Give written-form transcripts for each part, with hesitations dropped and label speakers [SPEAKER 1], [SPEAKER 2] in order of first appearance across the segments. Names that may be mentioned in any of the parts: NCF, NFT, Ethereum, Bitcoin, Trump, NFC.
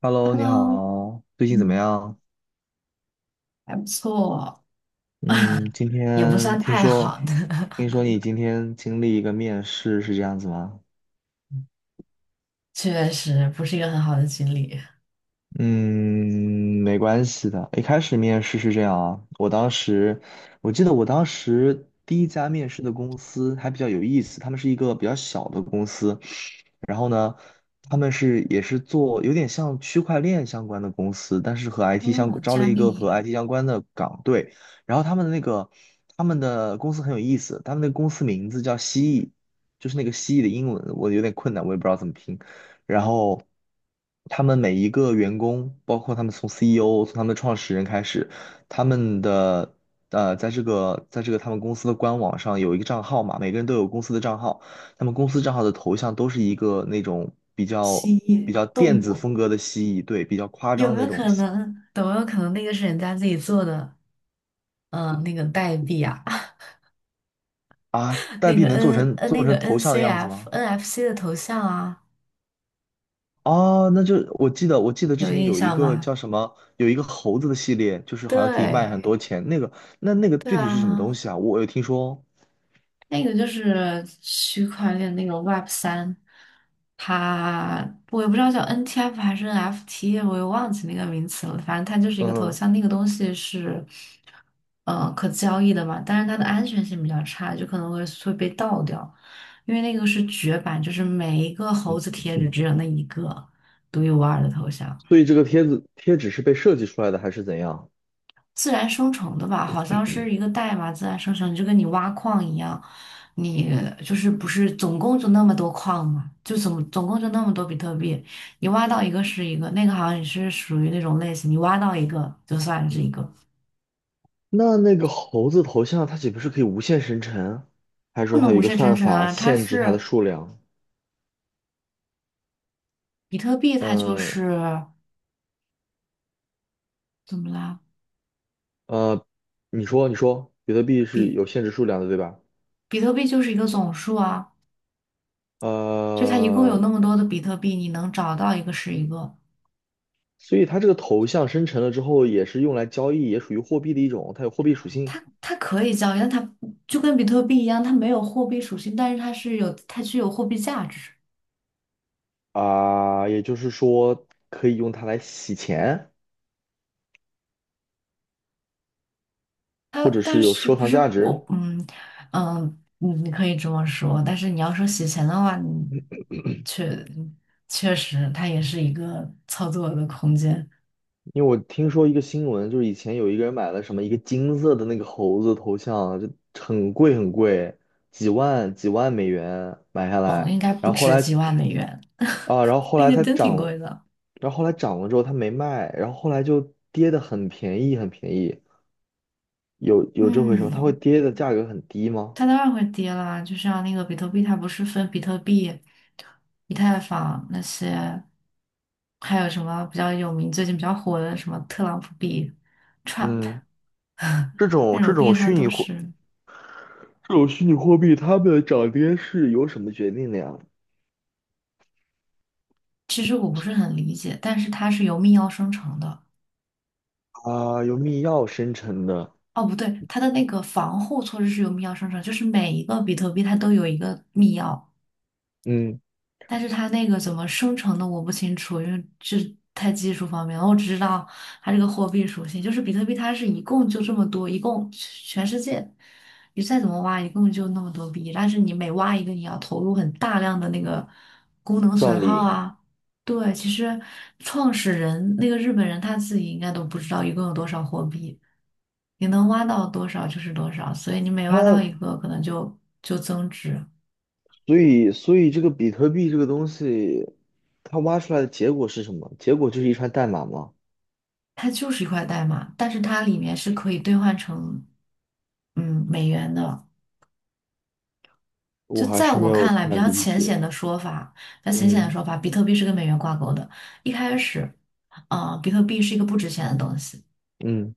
[SPEAKER 1] Hello，你
[SPEAKER 2] Hello，
[SPEAKER 1] 好，最近怎么
[SPEAKER 2] 嗯，
[SPEAKER 1] 样？
[SPEAKER 2] 还不错，
[SPEAKER 1] 嗯，今
[SPEAKER 2] 也不
[SPEAKER 1] 天
[SPEAKER 2] 算
[SPEAKER 1] 听
[SPEAKER 2] 太
[SPEAKER 1] 说，
[SPEAKER 2] 好的，
[SPEAKER 1] 听说你今天经历一个面试，是这样子吗？
[SPEAKER 2] 确实不是一个很好的经历。
[SPEAKER 1] 嗯，没关系的。一开始面试是这样啊，我记得我当时第一家面试的公司还比较有意思，他们是一个比较小的公司，然后呢，他们也是做有点像区块链相关的公司，但是和 IT 相
[SPEAKER 2] 哦，
[SPEAKER 1] 招了
[SPEAKER 2] 加
[SPEAKER 1] 一个和
[SPEAKER 2] 密、
[SPEAKER 1] IT 相关的岗队。然后他们的公司很有意思，他们的公司名字叫蜥蜴，就是那个蜥蜴的英文我有点困难，我也不知道怎么拼。然后他们每一个员工，包括他们从 CEO、 从他们的创始人开始，他们的呃在这个在这个他们公司的官网上有一个账号嘛，每个人都有公司的账号。他们公司账号的头像都是一个那种比较
[SPEAKER 2] 蜥
[SPEAKER 1] 比
[SPEAKER 2] 蜴、
[SPEAKER 1] 较电
[SPEAKER 2] 动
[SPEAKER 1] 子
[SPEAKER 2] 物，
[SPEAKER 1] 风格的蜥蜴，对，比较夸
[SPEAKER 2] 有
[SPEAKER 1] 张
[SPEAKER 2] 没
[SPEAKER 1] 的那
[SPEAKER 2] 有
[SPEAKER 1] 种
[SPEAKER 2] 可
[SPEAKER 1] 蜥蜴
[SPEAKER 2] 能？有没有可能那个是人家自己做的？嗯，那个代币啊，
[SPEAKER 1] 啊。代
[SPEAKER 2] 那
[SPEAKER 1] 币
[SPEAKER 2] 个
[SPEAKER 1] 能做
[SPEAKER 2] N
[SPEAKER 1] 成
[SPEAKER 2] 呃那
[SPEAKER 1] 做
[SPEAKER 2] 个
[SPEAKER 1] 成头像的样子
[SPEAKER 2] NCF、
[SPEAKER 1] 吗？
[SPEAKER 2] NFC 的头像啊，
[SPEAKER 1] 哦，那就我记得之
[SPEAKER 2] 有
[SPEAKER 1] 前
[SPEAKER 2] 印
[SPEAKER 1] 有一
[SPEAKER 2] 象
[SPEAKER 1] 个
[SPEAKER 2] 吗？
[SPEAKER 1] 叫什么，有一个猴子的系列，就是好像可以卖很多
[SPEAKER 2] 对，
[SPEAKER 1] 钱。那个
[SPEAKER 2] 对
[SPEAKER 1] 具体是什么东
[SPEAKER 2] 啊，
[SPEAKER 1] 西啊？我有听说
[SPEAKER 2] 那个就是区块链那个 Web 三，它我也不知道叫 NTF 还是 NFT，我也忘记那个名词了。反正它就是一个头
[SPEAKER 1] 哦，
[SPEAKER 2] 像，那个东西是可交易的嘛，但是它的安全性比较差，就可能会被盗掉，因为那个是绝版，就是每一个猴子贴纸
[SPEAKER 1] 嗯。
[SPEAKER 2] 只有那一个独一无二的头像。
[SPEAKER 1] 所以这个贴纸是被设计出来的还是怎样？
[SPEAKER 2] 自然生成的吧，好像是一个代码自然生成，就跟你挖矿一样，你就是不是总共就那么多矿嘛，就总共就那么多比特币，你挖到一个是一个，那个好像也是属于那种类型，你挖到一个就算是一个，
[SPEAKER 1] 那个猴子头像它岂不是可以无限生成？还是
[SPEAKER 2] 不
[SPEAKER 1] 说它
[SPEAKER 2] 能
[SPEAKER 1] 有一
[SPEAKER 2] 无
[SPEAKER 1] 个
[SPEAKER 2] 限生
[SPEAKER 1] 算
[SPEAKER 2] 成
[SPEAKER 1] 法
[SPEAKER 2] 啊，它
[SPEAKER 1] 限制它的
[SPEAKER 2] 是
[SPEAKER 1] 数量？
[SPEAKER 2] 比特币，它就
[SPEAKER 1] 嗯。
[SPEAKER 2] 是怎么啦？
[SPEAKER 1] 呃，你说，比特币是
[SPEAKER 2] 比
[SPEAKER 1] 有限制数量的，对吧？
[SPEAKER 2] 比特币就是一个总数啊，就它一共有
[SPEAKER 1] 呃，
[SPEAKER 2] 那么多的比特币，你能找到一个是一个。
[SPEAKER 1] 所以它这个头像生成了之后，也是用来交易，也属于货币的一种，它有货币属性
[SPEAKER 2] 它可以交易，但它就跟比特币一样，它没有货币属性，但是它具有货币价值。
[SPEAKER 1] 啊，也就是说可以用它来洗钱，
[SPEAKER 2] 它
[SPEAKER 1] 或者是
[SPEAKER 2] 但
[SPEAKER 1] 有
[SPEAKER 2] 是
[SPEAKER 1] 收
[SPEAKER 2] 不
[SPEAKER 1] 藏
[SPEAKER 2] 是
[SPEAKER 1] 价值。
[SPEAKER 2] 我。嗯你可以这么说，但是你要说洗钱的话，你确确实它也是一个操作的空间。
[SPEAKER 1] 因为我听说一个新闻，就是以前有一个人买了什么一个金色的那个猴子头像，就很贵很贵，几万几万美元买下
[SPEAKER 2] 哦，
[SPEAKER 1] 来，
[SPEAKER 2] 应该不
[SPEAKER 1] 然后后
[SPEAKER 2] 值
[SPEAKER 1] 来
[SPEAKER 2] 几万美元，
[SPEAKER 1] 啊，然后后
[SPEAKER 2] 那
[SPEAKER 1] 来
[SPEAKER 2] 个
[SPEAKER 1] 它
[SPEAKER 2] 真挺
[SPEAKER 1] 涨了，
[SPEAKER 2] 贵的。
[SPEAKER 1] 然后后来涨了之后它没卖，然后后来就跌得很便宜很便宜，有这回事吗？它会
[SPEAKER 2] 嗯。
[SPEAKER 1] 跌的价格很低吗？
[SPEAKER 2] 它当然会跌啦，就像那个比特币，它不是分比特币、以太坊那些，还有什么比较有名、最近比较火的什么特朗普币、Trump
[SPEAKER 1] 嗯，这
[SPEAKER 2] 那
[SPEAKER 1] 种这
[SPEAKER 2] 种币，
[SPEAKER 1] 种
[SPEAKER 2] 它
[SPEAKER 1] 虚拟
[SPEAKER 2] 都
[SPEAKER 1] 货
[SPEAKER 2] 是。
[SPEAKER 1] 这种虚拟货币，它们的涨跌是由什么决定的呀？
[SPEAKER 2] 其实我不是很理解，但是它是由密钥生成的。
[SPEAKER 1] 啊，由密钥生成的，
[SPEAKER 2] 哦，不对，它的那个防护措施是由密钥生成，就是每一个比特币它都有一个密钥。
[SPEAKER 1] 嗯，
[SPEAKER 2] 但是它那个怎么生成的我不清楚，因为这太技术方面了。我只知道它这个货币属性，就是比特币，它是一共就这么多，一共全世界你再怎么挖，一共就那么多币。但是你每挖一个，你要投入很大量的那个功能损
[SPEAKER 1] 算
[SPEAKER 2] 耗
[SPEAKER 1] 力。
[SPEAKER 2] 啊。对，其实创始人那个日本人他自己应该都不知道一共有多少货币，你能挖到多少就是多少，所以你每挖到
[SPEAKER 1] 它
[SPEAKER 2] 一个，可能就增值。
[SPEAKER 1] 所以所以这个比特币这个东西，它挖出来的结果是什么？结果就是一串代码吗？
[SPEAKER 2] 它就是一块代码，但是它里面是可以兑换成美元的。就
[SPEAKER 1] 我还
[SPEAKER 2] 在
[SPEAKER 1] 是没
[SPEAKER 2] 我
[SPEAKER 1] 有
[SPEAKER 2] 看来，比
[SPEAKER 1] 太
[SPEAKER 2] 较
[SPEAKER 1] 理
[SPEAKER 2] 浅
[SPEAKER 1] 解。
[SPEAKER 2] 显的说法，比较浅显的
[SPEAKER 1] 嗯
[SPEAKER 2] 说法，比特币是跟美元挂钩的。一开始，比特币是一个不值钱的东西。
[SPEAKER 1] 嗯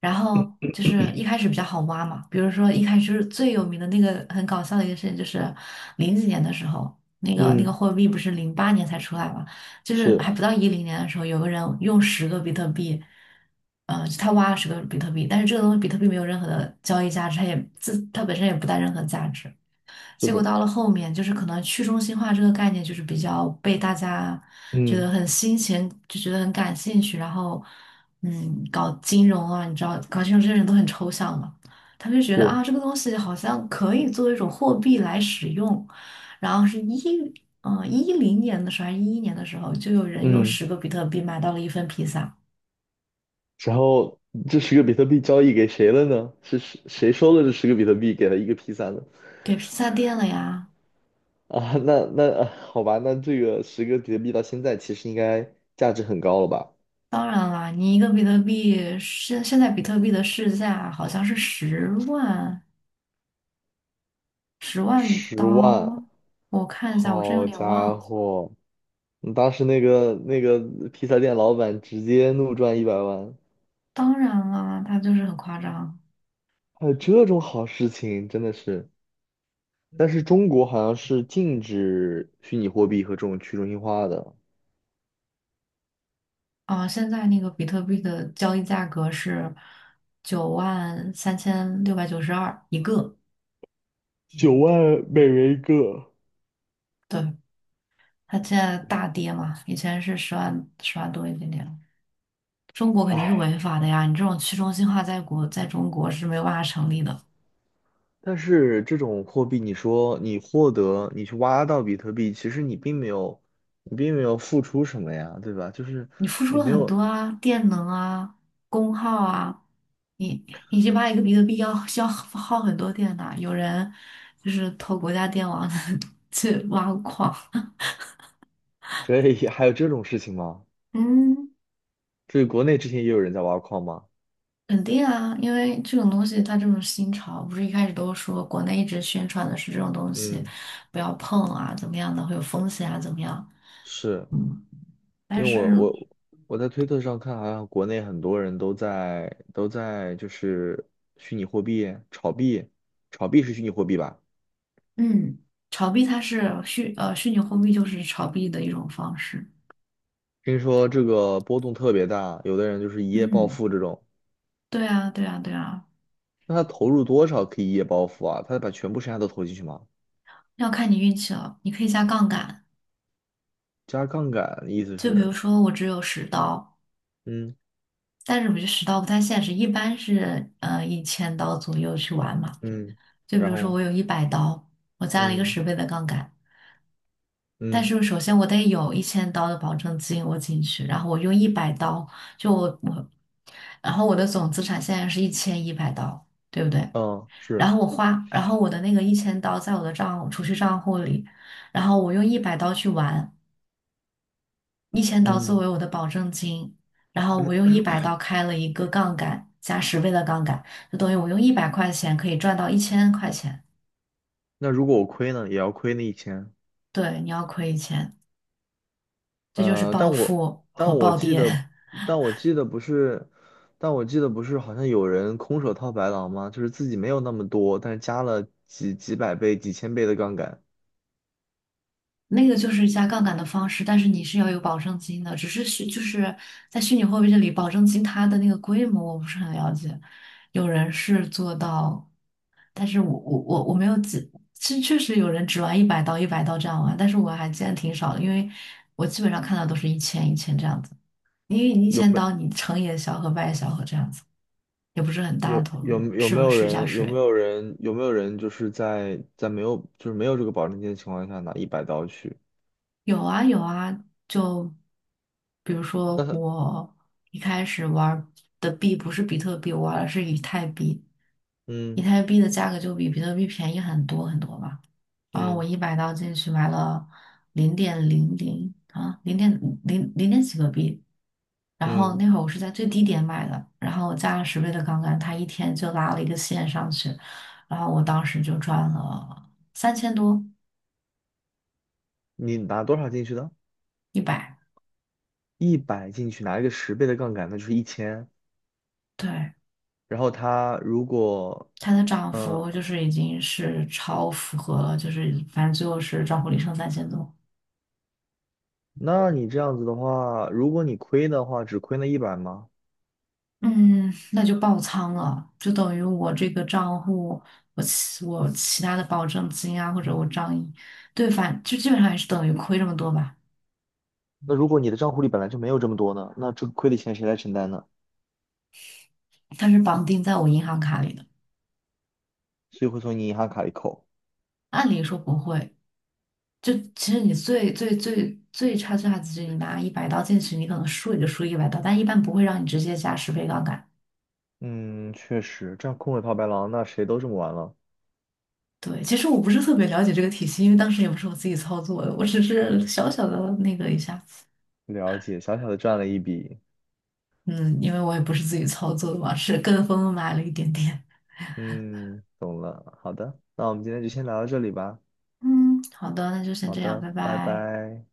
[SPEAKER 2] 然后就是一开始比较好挖嘛，比如说一开始就是最有名的那个很搞笑的一个事情，就是零几年的时候，那个
[SPEAKER 1] 嗯，
[SPEAKER 2] 货币不是08年才出来嘛，就是
[SPEAKER 1] 是
[SPEAKER 2] 还不到一零年的时候，有个人用十个比特币，他挖了十个比特币，但是这个东西比特币没有任何的交易价值，它也自它本身也不带任何价值。
[SPEAKER 1] 是
[SPEAKER 2] 结果
[SPEAKER 1] 的，
[SPEAKER 2] 到了后面，就是可能去中心化这个概念就是比较被大家觉得
[SPEAKER 1] 嗯，
[SPEAKER 2] 很新鲜，就觉得很感兴趣。然后，嗯，搞金融啊，你知道，搞金融这些人都很抽象嘛，他们就觉得啊，
[SPEAKER 1] 是，
[SPEAKER 2] 这个东西好像可以作为一种货币来使用。然后是一，嗯，一零年的时候还是11年的时候，就有人用
[SPEAKER 1] 嗯，嗯，
[SPEAKER 2] 十个比特币买到了一份披萨，
[SPEAKER 1] 然后这十个比特币交易给谁了呢？是谁收了这十个比特币给了一个 P 三的？
[SPEAKER 2] 给披萨店了呀。
[SPEAKER 1] 啊，那那啊好吧，那这个十个比特币到现在其实应该价值很高了吧？
[SPEAKER 2] 当然啦，你一个比特币现在比特币的市价好像是十万
[SPEAKER 1] 10万。
[SPEAKER 2] 刀，我看一下，我真有
[SPEAKER 1] 好
[SPEAKER 2] 点忘
[SPEAKER 1] 家
[SPEAKER 2] 了。
[SPEAKER 1] 伙，你当时那个披萨店老板直接怒赚100万，
[SPEAKER 2] 当然啦，它就是很夸张
[SPEAKER 1] 还有这种好事情，真的是。但是中国好像是禁止虚拟货币和这种去中心化的，
[SPEAKER 2] 啊！现在那个比特币的交易价格是93,692一个，
[SPEAKER 1] 9万美元一个。
[SPEAKER 2] 对，它现在大跌嘛，以前是十万多一点点。中国肯定是
[SPEAKER 1] 唉，
[SPEAKER 2] 违法的呀，你这种去中心化在中国是没有办法成立的。
[SPEAKER 1] 但是这种货币，你说你获得，你去挖到比特币，其实你并没有付出什么呀，对吧？就是
[SPEAKER 2] 你付出
[SPEAKER 1] 你
[SPEAKER 2] 了
[SPEAKER 1] 没
[SPEAKER 2] 很多
[SPEAKER 1] 有，
[SPEAKER 2] 啊，电能啊，功耗啊，你你去挖一个比特币要需 要耗很多电的，有人就是偷国家电网 去挖矿，
[SPEAKER 1] 这也还有这种事情吗？
[SPEAKER 2] 嗯，
[SPEAKER 1] 这国内之前也有人在挖矿吗？
[SPEAKER 2] 肯定啊，因为这种东西它这种新潮，不是一开始都说国内一直宣传的是这种东西
[SPEAKER 1] 嗯。
[SPEAKER 2] 不要碰啊，怎么样的会有风险啊，怎么样，
[SPEAKER 1] 是
[SPEAKER 2] 嗯，但
[SPEAKER 1] 因为
[SPEAKER 2] 是
[SPEAKER 1] 我在推特上看，好像国内很多人都在就是虚拟货币炒币，炒币是虚拟货币吧？
[SPEAKER 2] 嗯，炒币它是虚拟货币就是炒币的一种方式，
[SPEAKER 1] 听说这个波动特别大，有的人就是一夜暴
[SPEAKER 2] 嗯，
[SPEAKER 1] 富这种。
[SPEAKER 2] 对啊，对啊，对啊。
[SPEAKER 1] 那他投入多少可以一夜暴富啊？他把全部身家都投进去吗？
[SPEAKER 2] 要看你运气了，你可以加杠杆。
[SPEAKER 1] 加杠杆意思
[SPEAKER 2] 就比
[SPEAKER 1] 是，
[SPEAKER 2] 如说，我只有十刀，
[SPEAKER 1] 嗯
[SPEAKER 2] 但是我觉得十刀不太现实，一般是一千刀左右去玩嘛。
[SPEAKER 1] 嗯，
[SPEAKER 2] 就比
[SPEAKER 1] 然
[SPEAKER 2] 如说，
[SPEAKER 1] 后
[SPEAKER 2] 我有一百刀，我加了一个
[SPEAKER 1] 嗯
[SPEAKER 2] 十倍的杠杆，但
[SPEAKER 1] 嗯
[SPEAKER 2] 是首先我得有一千刀的保证金我进去，然后我用一百刀，就我我，然后我的总资产现在是1100刀，对不对？
[SPEAKER 1] 嗯，
[SPEAKER 2] 然
[SPEAKER 1] 是，
[SPEAKER 2] 后我花，然后我的那个一千刀在我的储蓄账户里，然后我用一百刀去玩。一千刀作
[SPEAKER 1] 嗯。
[SPEAKER 2] 为我的保证金，然后我用一 百刀开了一个杠杆，加十倍的杠杆，就等于我用100块钱可以赚到1000块钱。
[SPEAKER 1] 那如果我亏呢，也要亏那一千。
[SPEAKER 2] 对，你要亏一千，这就是
[SPEAKER 1] 呃，
[SPEAKER 2] 暴
[SPEAKER 1] 但我
[SPEAKER 2] 富和
[SPEAKER 1] 但我
[SPEAKER 2] 暴
[SPEAKER 1] 记
[SPEAKER 2] 跌。
[SPEAKER 1] 得，但我记得不是，但我记得不是，好像有人空手套白狼吗？就是自己没有那么多，但是加了几百倍、几千倍的杠杆，
[SPEAKER 2] 那个就是加杠杆的方式，但是你是要有保证金的，只是就是在虚拟货币这里，保证金它的那个规模我不是很了解，有人是做到，但是我没有记，确实有人只玩一百刀一百刀这样玩，但是我还见得挺少的，因为我基本上看到都是一千一千这样子，因为你一
[SPEAKER 1] 有
[SPEAKER 2] 千
[SPEAKER 1] 没
[SPEAKER 2] 刀你成也小和败也小和这样子，也不是很大的
[SPEAKER 1] 有
[SPEAKER 2] 投
[SPEAKER 1] 有
[SPEAKER 2] 入，
[SPEAKER 1] 有没有
[SPEAKER 2] 试一下
[SPEAKER 1] 人有没
[SPEAKER 2] 水。
[SPEAKER 1] 有人有没有人就是在没有这个保证金的情况下拿100刀去？
[SPEAKER 2] 有啊有啊，就比如说
[SPEAKER 1] 但是
[SPEAKER 2] 我一开始玩儿的币不是比特币，我玩的是以太币，以
[SPEAKER 1] 嗯
[SPEAKER 2] 太币的价格就比比特币便宜很多很多吧。然后我
[SPEAKER 1] 嗯
[SPEAKER 2] 一百刀进去买了零点零零点几个币，然后
[SPEAKER 1] 嗯，
[SPEAKER 2] 那会儿我是在最低点买的，然后我加了十倍的杠杆，它一天就拉了一个线上去，然后我当时就赚了三千多
[SPEAKER 1] 你拿多少进去的？
[SPEAKER 2] 一百，
[SPEAKER 1] 一百进去拿一个10倍的杠杆，那就是一千。
[SPEAKER 2] 对。
[SPEAKER 1] 然后他如果
[SPEAKER 2] 它的涨
[SPEAKER 1] 呃
[SPEAKER 2] 幅就是已经是超符合了，就是反正最后是账户里剩三千多，
[SPEAKER 1] 那你这样子的话，如果你亏的话，只亏那一百吗？
[SPEAKER 2] 嗯，那就爆仓了，就等于我这个账户，我其他的保证金啊，或者我账一对，反就基本上也是等于亏这么多吧。
[SPEAKER 1] 那如果你的账户里本来就没有这么多呢，那这个亏的钱谁来承担呢？
[SPEAKER 2] 它是绑定在我银行卡里的，
[SPEAKER 1] 所以会从你银行卡里扣。
[SPEAKER 2] 按理说不会。就其实你最差，只是你拿一百刀进去，你可能输也就输一百刀，但一般不会让你直接加十倍杠杆。
[SPEAKER 1] 嗯，确实，这样空手套白狼，那谁都这么玩了。
[SPEAKER 2] 对，其实我不是特别了解这个体系，因为当时也不是我自己操作的，我只是
[SPEAKER 1] 哦，
[SPEAKER 2] 小小的那个一下，
[SPEAKER 1] 了解，小小的赚了一笔。
[SPEAKER 2] 嗯，因为我也不是自己操作的嘛，是跟风买了一点点。
[SPEAKER 1] 嗯，懂了。好的，那我们今天就先聊到这里吧。
[SPEAKER 2] 嗯，好的，那就先
[SPEAKER 1] 好
[SPEAKER 2] 这样，
[SPEAKER 1] 的，
[SPEAKER 2] 拜
[SPEAKER 1] 拜
[SPEAKER 2] 拜。
[SPEAKER 1] 拜。